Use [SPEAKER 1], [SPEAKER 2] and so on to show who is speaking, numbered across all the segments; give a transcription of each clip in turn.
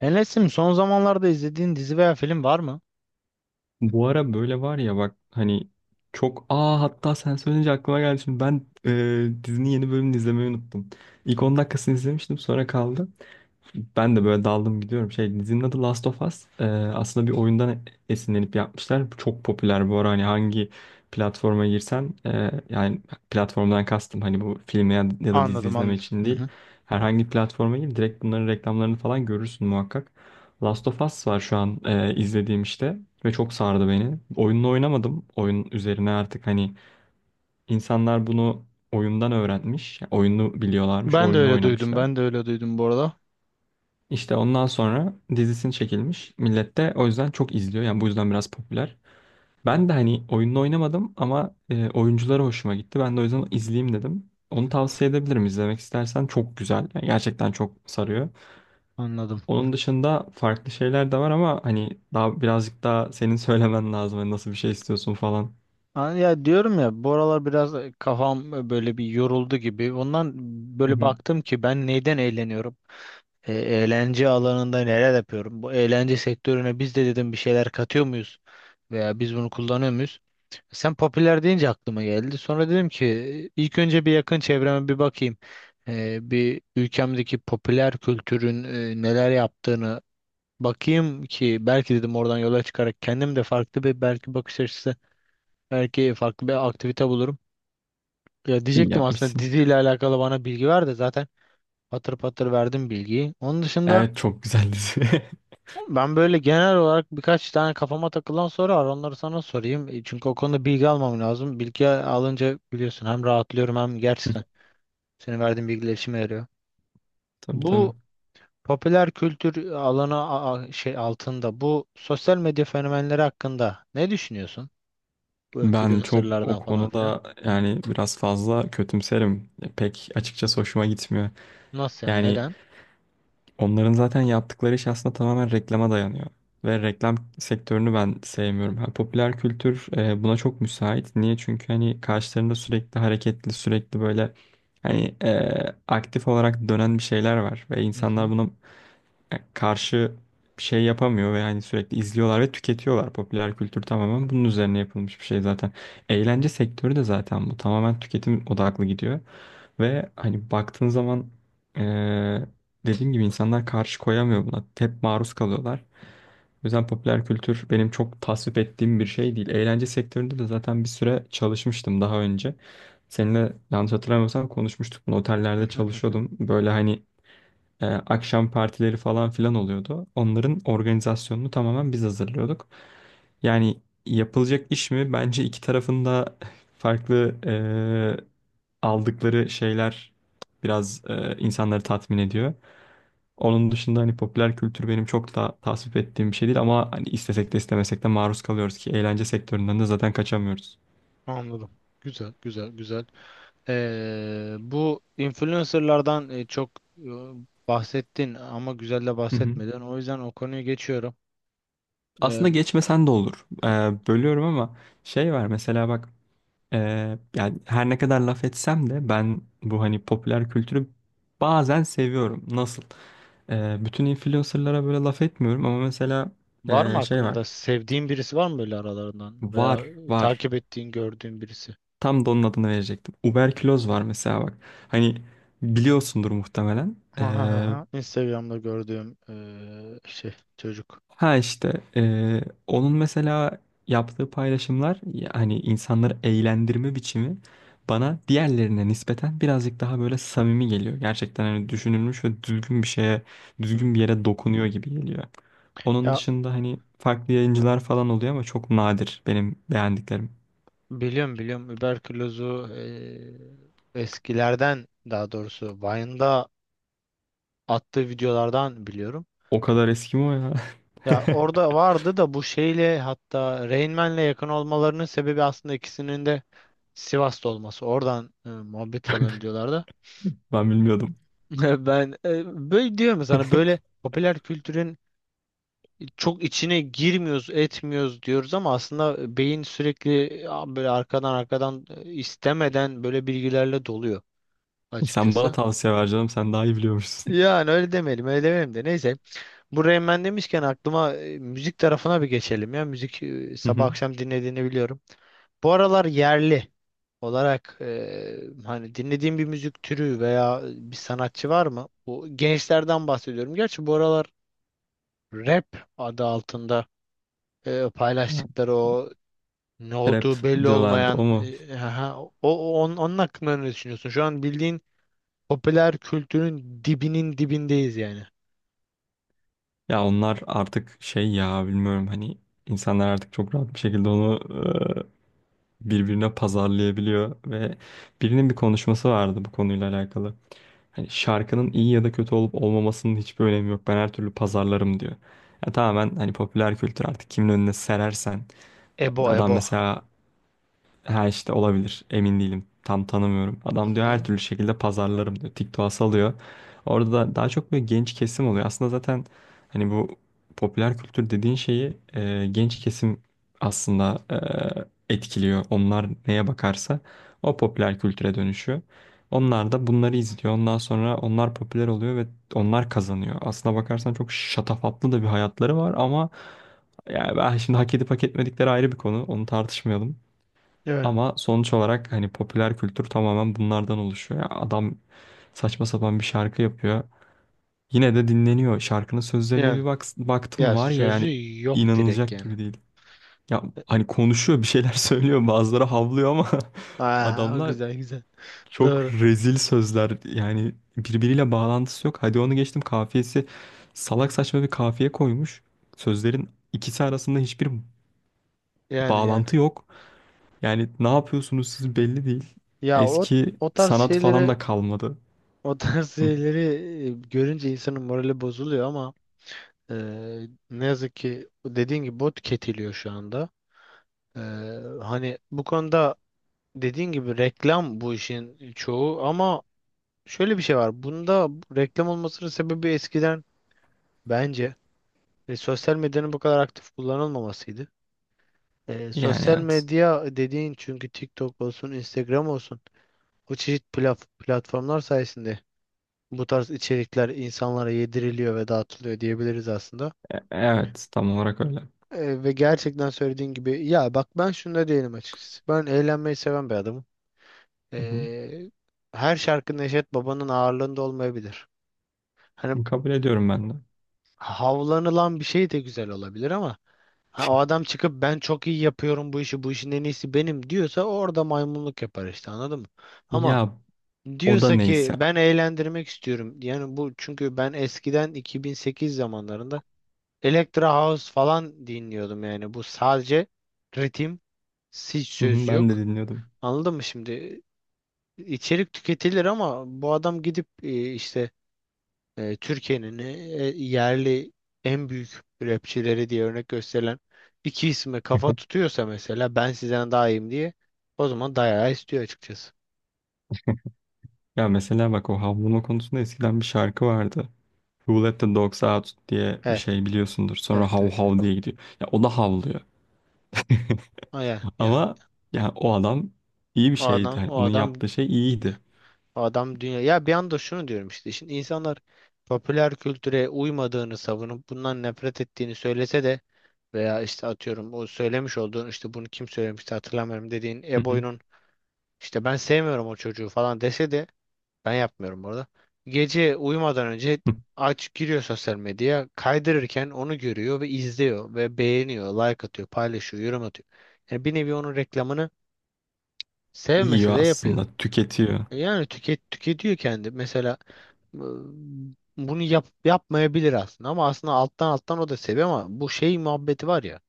[SPEAKER 1] Enes'im son zamanlarda izlediğin dizi veya film var mı?
[SPEAKER 2] Bu ara böyle var ya bak hani çok hatta sen söyleyince aklıma geldi şimdi dizinin yeni bölümünü izlemeyi unuttum. İlk 10 dakikasını izlemiştim sonra kaldı. Ben de böyle daldım gidiyorum. Şey, dizinin adı Last of Us. Aslında bir oyundan esinlenip yapmışlar. Bu çok popüler bu ara, hani hangi platforma girsen yani platformdan kastım hani bu filmi ya, ya da dizi
[SPEAKER 1] Anladım,
[SPEAKER 2] izleme
[SPEAKER 1] anladım.
[SPEAKER 2] için
[SPEAKER 1] Hı
[SPEAKER 2] değil.
[SPEAKER 1] hı.
[SPEAKER 2] Herhangi bir platforma gir, direkt bunların reklamlarını falan görürsün muhakkak. Last of Us var şu an izlediğim, işte ve çok sardı beni. Oyununu oynamadım. Oyun üzerine artık hani insanlar bunu oyundan öğrenmiş. Yani oyunu biliyorlarmış,
[SPEAKER 1] Ben de
[SPEAKER 2] oyununu
[SPEAKER 1] öyle duydum.
[SPEAKER 2] oynamışlar.
[SPEAKER 1] Bu arada.
[SPEAKER 2] İşte ondan sonra dizisini çekilmiş. Millet de o yüzden çok izliyor. Yani bu yüzden biraz popüler. Ben de hani oyununu oynamadım ama oyuncuları hoşuma gitti. Ben de o yüzden izleyeyim dedim. Onu tavsiye edebilirim izlemek istersen. Çok güzel. Yani gerçekten çok sarıyor.
[SPEAKER 1] Anladım.
[SPEAKER 2] Onun dışında farklı şeyler de var ama hani daha birazcık daha senin söylemen lazım. Hani nasıl bir şey istiyorsun falan.
[SPEAKER 1] Ha, Ya diyorum ya, bu aralar biraz kafam böyle bir yoruldu gibi. Ondan
[SPEAKER 2] Hı
[SPEAKER 1] böyle
[SPEAKER 2] hı.
[SPEAKER 1] baktım ki, ben neyden eğleniyorum? Eğlence alanında neler yapıyorum? Bu eğlence sektörüne biz de dedim, bir şeyler katıyor muyuz? Veya biz bunu kullanıyor muyuz? Sen popüler deyince aklıma geldi. Sonra dedim ki ilk önce bir yakın çevreme bir bakayım. Bir ülkemdeki popüler kültürün neler yaptığını bakayım ki, belki dedim oradan yola çıkarak kendim de farklı bir belki bakış açısı, belki farklı bir aktivite bulurum. Ya
[SPEAKER 2] İyi
[SPEAKER 1] diyecektim aslında,
[SPEAKER 2] yapmışsın.
[SPEAKER 1] diziyle alakalı bana bilgi ver de zaten patır patır verdim bilgiyi. Onun dışında
[SPEAKER 2] Evet, çok güzel dizi.
[SPEAKER 1] ben böyle genel olarak birkaç tane kafama takılan soru var. Onları sana sorayım. Çünkü o konuda bilgi almam lazım. Bilgi alınca biliyorsun, hem rahatlıyorum hem gerçekten senin verdiğin bilgiler işime yarıyor.
[SPEAKER 2] Tabii, tabii.
[SPEAKER 1] Bu popüler kültür alanı şey altında, bu sosyal medya fenomenleri hakkında ne düşünüyorsun? Bu
[SPEAKER 2] Ben çok o
[SPEAKER 1] influencerlardan falan filan.
[SPEAKER 2] konuda yani biraz fazla kötümserim. Pek açıkçası hoşuma gitmiyor.
[SPEAKER 1] Nasıl yani?
[SPEAKER 2] Yani
[SPEAKER 1] Neden?
[SPEAKER 2] onların zaten yaptıkları iş aslında tamamen reklama dayanıyor. Ve reklam sektörünü ben sevmiyorum. Ha, popüler kültür buna çok müsait. Niye? Çünkü hani karşılarında sürekli hareketli, sürekli böyle hani aktif olarak dönen bir şeyler var. Ve
[SPEAKER 1] Hı
[SPEAKER 2] insanlar
[SPEAKER 1] hı.
[SPEAKER 2] buna yani karşı bir şey yapamıyor ve hani sürekli izliyorlar ve tüketiyorlar. Popüler kültür tamamen bunun üzerine yapılmış bir şey zaten. Eğlence sektörü de zaten bu tamamen tüketim odaklı gidiyor ve hani baktığın zaman eee, dediğim gibi insanlar karşı koyamıyor buna. Hep maruz kalıyorlar. O yüzden popüler kültür benim çok tasvip ettiğim bir şey değil. Eğlence sektöründe de zaten bir süre çalışmıştım daha önce. Seninle yanlış hatırlamıyorsam konuşmuştuk bunu. Otellerde çalışıyordum. Böyle hani akşam partileri falan filan oluyordu. Onların organizasyonunu tamamen biz hazırlıyorduk. Yani yapılacak iş mi? Bence iki tarafında farklı aldıkları şeyler biraz insanları tatmin ediyor. Onun dışında hani popüler kültür benim çok da tasvip ettiğim bir şey değil ama hani istesek de istemesek de maruz kalıyoruz ki eğlence sektöründen de zaten kaçamıyoruz.
[SPEAKER 1] Anladım. Güzel, güzel, güzel. Bu influencerlardan çok e, bahsettin ama güzel de
[SPEAKER 2] Hı hı.
[SPEAKER 1] bahsetmeden. O yüzden o konuyu geçiyorum. Ee,
[SPEAKER 2] Aslında geçmesen de olur. Bölüyorum ama şey var mesela bak. Yani her ne kadar laf etsem de ben bu hani popüler kültürü bazen seviyorum. Nasıl? Bütün influencerlara böyle laf etmiyorum ama mesela
[SPEAKER 1] Var mı
[SPEAKER 2] şey var.
[SPEAKER 1] aklında sevdiğin birisi var mı böyle aralarından, veya
[SPEAKER 2] Var, var.
[SPEAKER 1] takip ettiğin, gördüğün birisi?
[SPEAKER 2] Tam da onun adını verecektim. Uberküloz var mesela bak. Hani biliyorsundur muhtemelen.
[SPEAKER 1] Ha ha ha, ha. Instagram'da gördüğüm şey çocuk.
[SPEAKER 2] Ha işte onun mesela yaptığı paylaşımlar yani insanları eğlendirme biçimi bana diğerlerine nispeten birazcık daha böyle samimi geliyor. Gerçekten hani düşünülmüş ve düzgün bir şeye,
[SPEAKER 1] Hı
[SPEAKER 2] düzgün bir
[SPEAKER 1] hı.
[SPEAKER 2] yere dokunuyor gibi geliyor. Onun
[SPEAKER 1] Ya
[SPEAKER 2] dışında hani farklı yayıncılar falan oluyor ama çok nadir benim beğendiklerim.
[SPEAKER 1] biliyorum, biliyorum überkülozu, eskilerden, daha doğrusu Vine'da attığı videolardan biliyorum.
[SPEAKER 2] O kadar eski mi o ya?
[SPEAKER 1] Ya orada vardı da bu şeyle, hatta Rain Man'le yakın olmalarının sebebi aslında ikisinin de Sivas'ta olması. Oradan muhabbet falan ediyorlar da.
[SPEAKER 2] Ben bilmiyordum.
[SPEAKER 1] Ben böyle diyorum ya sana, böyle popüler kültürün çok içine girmiyoruz, etmiyoruz diyoruz ama aslında beyin sürekli ya, böyle arkadan arkadan istemeden böyle bilgilerle doluyor
[SPEAKER 2] Sen bana
[SPEAKER 1] açıkçası.
[SPEAKER 2] tavsiye ver canım, sen daha iyi biliyormuşsun.
[SPEAKER 1] Yani öyle demeyelim, öyle demeyelim de, neyse. Bu Rain Man demişken aklıma müzik tarafına bir geçelim ya. Müzik
[SPEAKER 2] Hı
[SPEAKER 1] sabah
[SPEAKER 2] hı.
[SPEAKER 1] akşam dinlediğini biliyorum. Bu aralar yerli olarak hani dinlediğim bir müzik türü veya bir sanatçı var mı? Bu gençlerden bahsediyorum. Gerçi bu aralar rap adı altında paylaştıkları o ne
[SPEAKER 2] Trap
[SPEAKER 1] olduğu belli
[SPEAKER 2] diyorlardı, o
[SPEAKER 1] olmayan
[SPEAKER 2] mu?
[SPEAKER 1] onun hakkında ne düşünüyorsun? Şu an bildiğin popüler kültürün dibinin dibindeyiz yani.
[SPEAKER 2] Ya onlar artık şey ya, bilmiyorum, hani insanlar artık çok rahat bir şekilde onu birbirine pazarlayabiliyor ve birinin bir konuşması vardı bu konuyla alakalı. Hani şarkının iyi ya da kötü olup olmamasının hiçbir önemi yok. Ben her türlü pazarlarım diyor. Ya tamamen hani popüler kültür artık kimin önüne serersen
[SPEAKER 1] Ebo,
[SPEAKER 2] adam
[SPEAKER 1] Ebo.
[SPEAKER 2] mesela, ha işte olabilir. Emin değilim. Tam tanımıyorum.
[SPEAKER 1] Hı
[SPEAKER 2] Adam diyor her
[SPEAKER 1] hı.
[SPEAKER 2] türlü şekilde pazarlarım diyor. TikTok'a salıyor. Orada da daha çok böyle genç kesim oluyor. Aslında zaten hani bu popüler kültür dediğin şeyi genç kesim aslında etkiliyor. Onlar neye bakarsa o popüler kültüre dönüşüyor. Onlar da bunları izliyor. Ondan sonra onlar popüler oluyor ve onlar kazanıyor. Aslına bakarsan çok şatafatlı da bir hayatları var ama yani ben şimdi hak edip hak etmedikleri ayrı bir konu. Onu tartışmayalım.
[SPEAKER 1] Evet.
[SPEAKER 2] Ama sonuç olarak hani popüler kültür tamamen bunlardan oluşuyor. Ya adam saçma sapan bir şarkı yapıyor. Yine de dinleniyor. Şarkının sözlerine
[SPEAKER 1] Yani.
[SPEAKER 2] bir bak, baktım
[SPEAKER 1] Ya
[SPEAKER 2] var ya yani
[SPEAKER 1] sözü yok direkt
[SPEAKER 2] inanılacak
[SPEAKER 1] yani.
[SPEAKER 2] gibi değil. Ya hani konuşuyor bir şeyler söylüyor, bazıları havlıyor ama
[SPEAKER 1] Aa, o
[SPEAKER 2] adamlar
[SPEAKER 1] güzel, güzel.
[SPEAKER 2] çok
[SPEAKER 1] Doğru.
[SPEAKER 2] rezil sözler, yani birbiriyle bağlantısı yok. Hadi onu geçtim, kafiyesi salak saçma bir kafiye koymuş. Sözlerin ikisi arasında hiçbir
[SPEAKER 1] Yani, yani.
[SPEAKER 2] bağlantı yok. Yani ne yapıyorsunuz siz belli değil.
[SPEAKER 1] Ya o,
[SPEAKER 2] Eski
[SPEAKER 1] o tarz
[SPEAKER 2] sanat falan
[SPEAKER 1] şeyleri,
[SPEAKER 2] da kalmadı.
[SPEAKER 1] o tarz
[SPEAKER 2] Hı.
[SPEAKER 1] şeyleri görünce insanın morali bozuluyor ama e, ne yazık ki dediğin gibi bot tüketiliyor şu anda. E, Hani bu konuda dediğin gibi reklam bu işin çoğu ama şöyle bir şey var. Bunda reklam olmasının sebebi eskiden bence sosyal medyanın bu kadar aktif kullanılmamasıydı.
[SPEAKER 2] Yani
[SPEAKER 1] Sosyal
[SPEAKER 2] evet.
[SPEAKER 1] medya dediğin çünkü TikTok olsun, Instagram olsun bu çeşit platformlar sayesinde bu tarz içerikler insanlara yediriliyor ve dağıtılıyor diyebiliriz aslında.
[SPEAKER 2] Evet, tam olarak öyle.
[SPEAKER 1] Ve gerçekten söylediğin gibi, ya bak, ben şunda değilim açıkçası. Ben eğlenmeyi seven bir adamım.
[SPEAKER 2] Hı
[SPEAKER 1] Ee, Her şarkı Neşet Baba'nın ağırlığında olmayabilir. Hani
[SPEAKER 2] hı. Kabul ediyorum ben de.
[SPEAKER 1] havlanılan bir şey de güzel olabilir ama ha, o adam çıkıp ben çok iyi yapıyorum bu işi, bu işin en iyisi benim diyorsa orada maymunluk yapar işte, anladın mı? Ama
[SPEAKER 2] Ya o da
[SPEAKER 1] diyorsa ki
[SPEAKER 2] neyse.
[SPEAKER 1] ben eğlendirmek istiyorum. Yani bu çünkü ben eskiden 2008 zamanlarında Electra House falan dinliyordum yani. Bu sadece ritim, hiç
[SPEAKER 2] Hı hı,
[SPEAKER 1] söz
[SPEAKER 2] ben de
[SPEAKER 1] yok.
[SPEAKER 2] dinliyordum.
[SPEAKER 1] Anladın mı şimdi? İçerik tüketilir ama bu adam gidip işte Türkiye'nin yerli en büyük rapçileri diye örnek gösterilen iki isme kafa tutuyorsa, mesela ben sizden daha iyiyim diye, o zaman dayağı istiyor açıkçası.
[SPEAKER 2] Ya mesela bak o havlama konusunda eskiden bir şarkı vardı. Who Let the Dogs Out diye bir
[SPEAKER 1] Evet,
[SPEAKER 2] şey biliyorsundur. Sonra
[SPEAKER 1] evet,
[SPEAKER 2] hav
[SPEAKER 1] evet, evet.
[SPEAKER 2] hav diye gidiyor. Ya o da havlıyor.
[SPEAKER 1] Aya.
[SPEAKER 2] Ama yani o adam iyi bir
[SPEAKER 1] O
[SPEAKER 2] şeydi.
[SPEAKER 1] adam,
[SPEAKER 2] Yani
[SPEAKER 1] o
[SPEAKER 2] onun
[SPEAKER 1] adam,
[SPEAKER 2] yaptığı şey iyiydi.
[SPEAKER 1] o adam dünya. Ya bir anda şunu diyorum işte. Şimdi insanlar popüler kültüre uymadığını savunup bundan nefret ettiğini söylese de, veya işte atıyorum o söylemiş olduğun, işte bunu kim söylemişti hatırlamıyorum, dediğin
[SPEAKER 2] Hı hı.
[SPEAKER 1] Eboy'un işte ben sevmiyorum o çocuğu falan dese de ben yapmıyorum orada. Gece uyumadan önce
[SPEAKER 2] Hı.
[SPEAKER 1] aç giriyor sosyal medyaya, kaydırırken onu görüyor ve izliyor ve beğeniyor, like atıyor, paylaşıyor, yorum atıyor. Yani bir nevi onun reklamını sevmese de
[SPEAKER 2] Yiyor
[SPEAKER 1] yapıyor.
[SPEAKER 2] aslında, tüketiyor.
[SPEAKER 1] Yani tüketiyor kendi. Mesela e, bunu yapmayabilir aslında, ama aslında alttan alttan o da seviyor, ama bu şey muhabbeti var ya,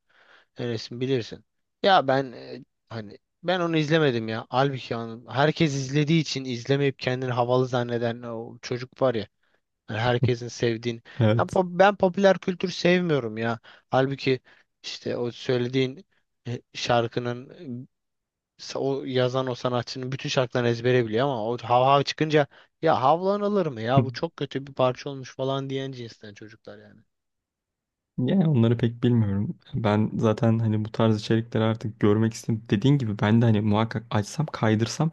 [SPEAKER 1] Enes'in bilirsin. Ya ben hani ben onu izlemedim ya. Halbuki herkes izlediği için izlemeyip kendini havalı zanneden o çocuk var ya. Hani herkesin sevdiğini.
[SPEAKER 2] Evet.
[SPEAKER 1] Ben popüler kültür sevmiyorum ya. Halbuki işte o söylediğin şarkının o yazan o sanatçının bütün şarkılarını ezbere biliyor ama o hav hav çıkınca, ya havlan alır mı ya,
[SPEAKER 2] Hı.
[SPEAKER 1] bu çok kötü bir parça olmuş falan diyen cinsten çocuklar yani.
[SPEAKER 2] Yani onları pek bilmiyorum. Ben zaten hani bu tarz içerikleri artık görmek istedim. Dediğin gibi ben de hani muhakkak açsam kaydırsam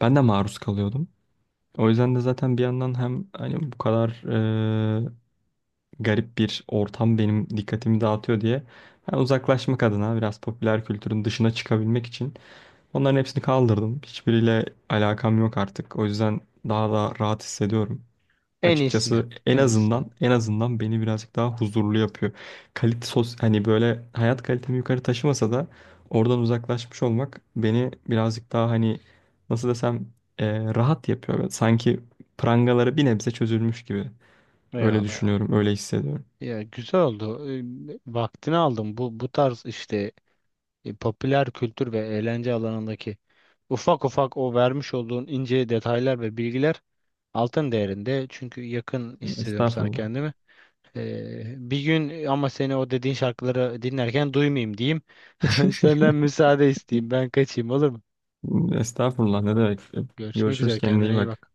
[SPEAKER 2] ben de maruz kalıyordum. O yüzden de zaten bir yandan hem hani bu kadar e, garip bir ortam benim dikkatimi dağıtıyor diye ben uzaklaşmak adına biraz popüler kültürün dışına çıkabilmek için onların hepsini kaldırdım. Hiçbiriyle alakam yok artık. O yüzden daha da rahat hissediyorum.
[SPEAKER 1] En iyisini yap.
[SPEAKER 2] Açıkçası en
[SPEAKER 1] En iyisini yap.
[SPEAKER 2] azından, en azından beni birazcık daha huzurlu yapıyor. Kalite sos, hani böyle hayat kalitemi yukarı taşımasa da oradan uzaklaşmış olmak beni birazcık daha hani nasıl desem rahat yapıyor. Böyle sanki prangaları bir nebze çözülmüş gibi. Öyle
[SPEAKER 1] Eyvallah, eyvallah.
[SPEAKER 2] düşünüyorum, öyle hissediyorum.
[SPEAKER 1] Ya güzel oldu. Vaktini aldım. Bu tarz işte popüler kültür ve eğlence alanındaki ufak ufak o vermiş olduğun ince detaylar ve bilgiler altın değerinde. Çünkü yakın hissediyorum sana
[SPEAKER 2] Estağfurullah.
[SPEAKER 1] kendimi. Bir gün ama seni o dediğin şarkıları dinlerken duymayayım diyeyim. Senden müsaade isteyeyim. Ben kaçayım, olur mu?
[SPEAKER 2] Estağfurullah ne demek.
[SPEAKER 1] Görüşmek
[SPEAKER 2] Görüşürüz,
[SPEAKER 1] üzere.
[SPEAKER 2] kendine
[SPEAKER 1] Kendine
[SPEAKER 2] iyi
[SPEAKER 1] iyi
[SPEAKER 2] bak.
[SPEAKER 1] bak.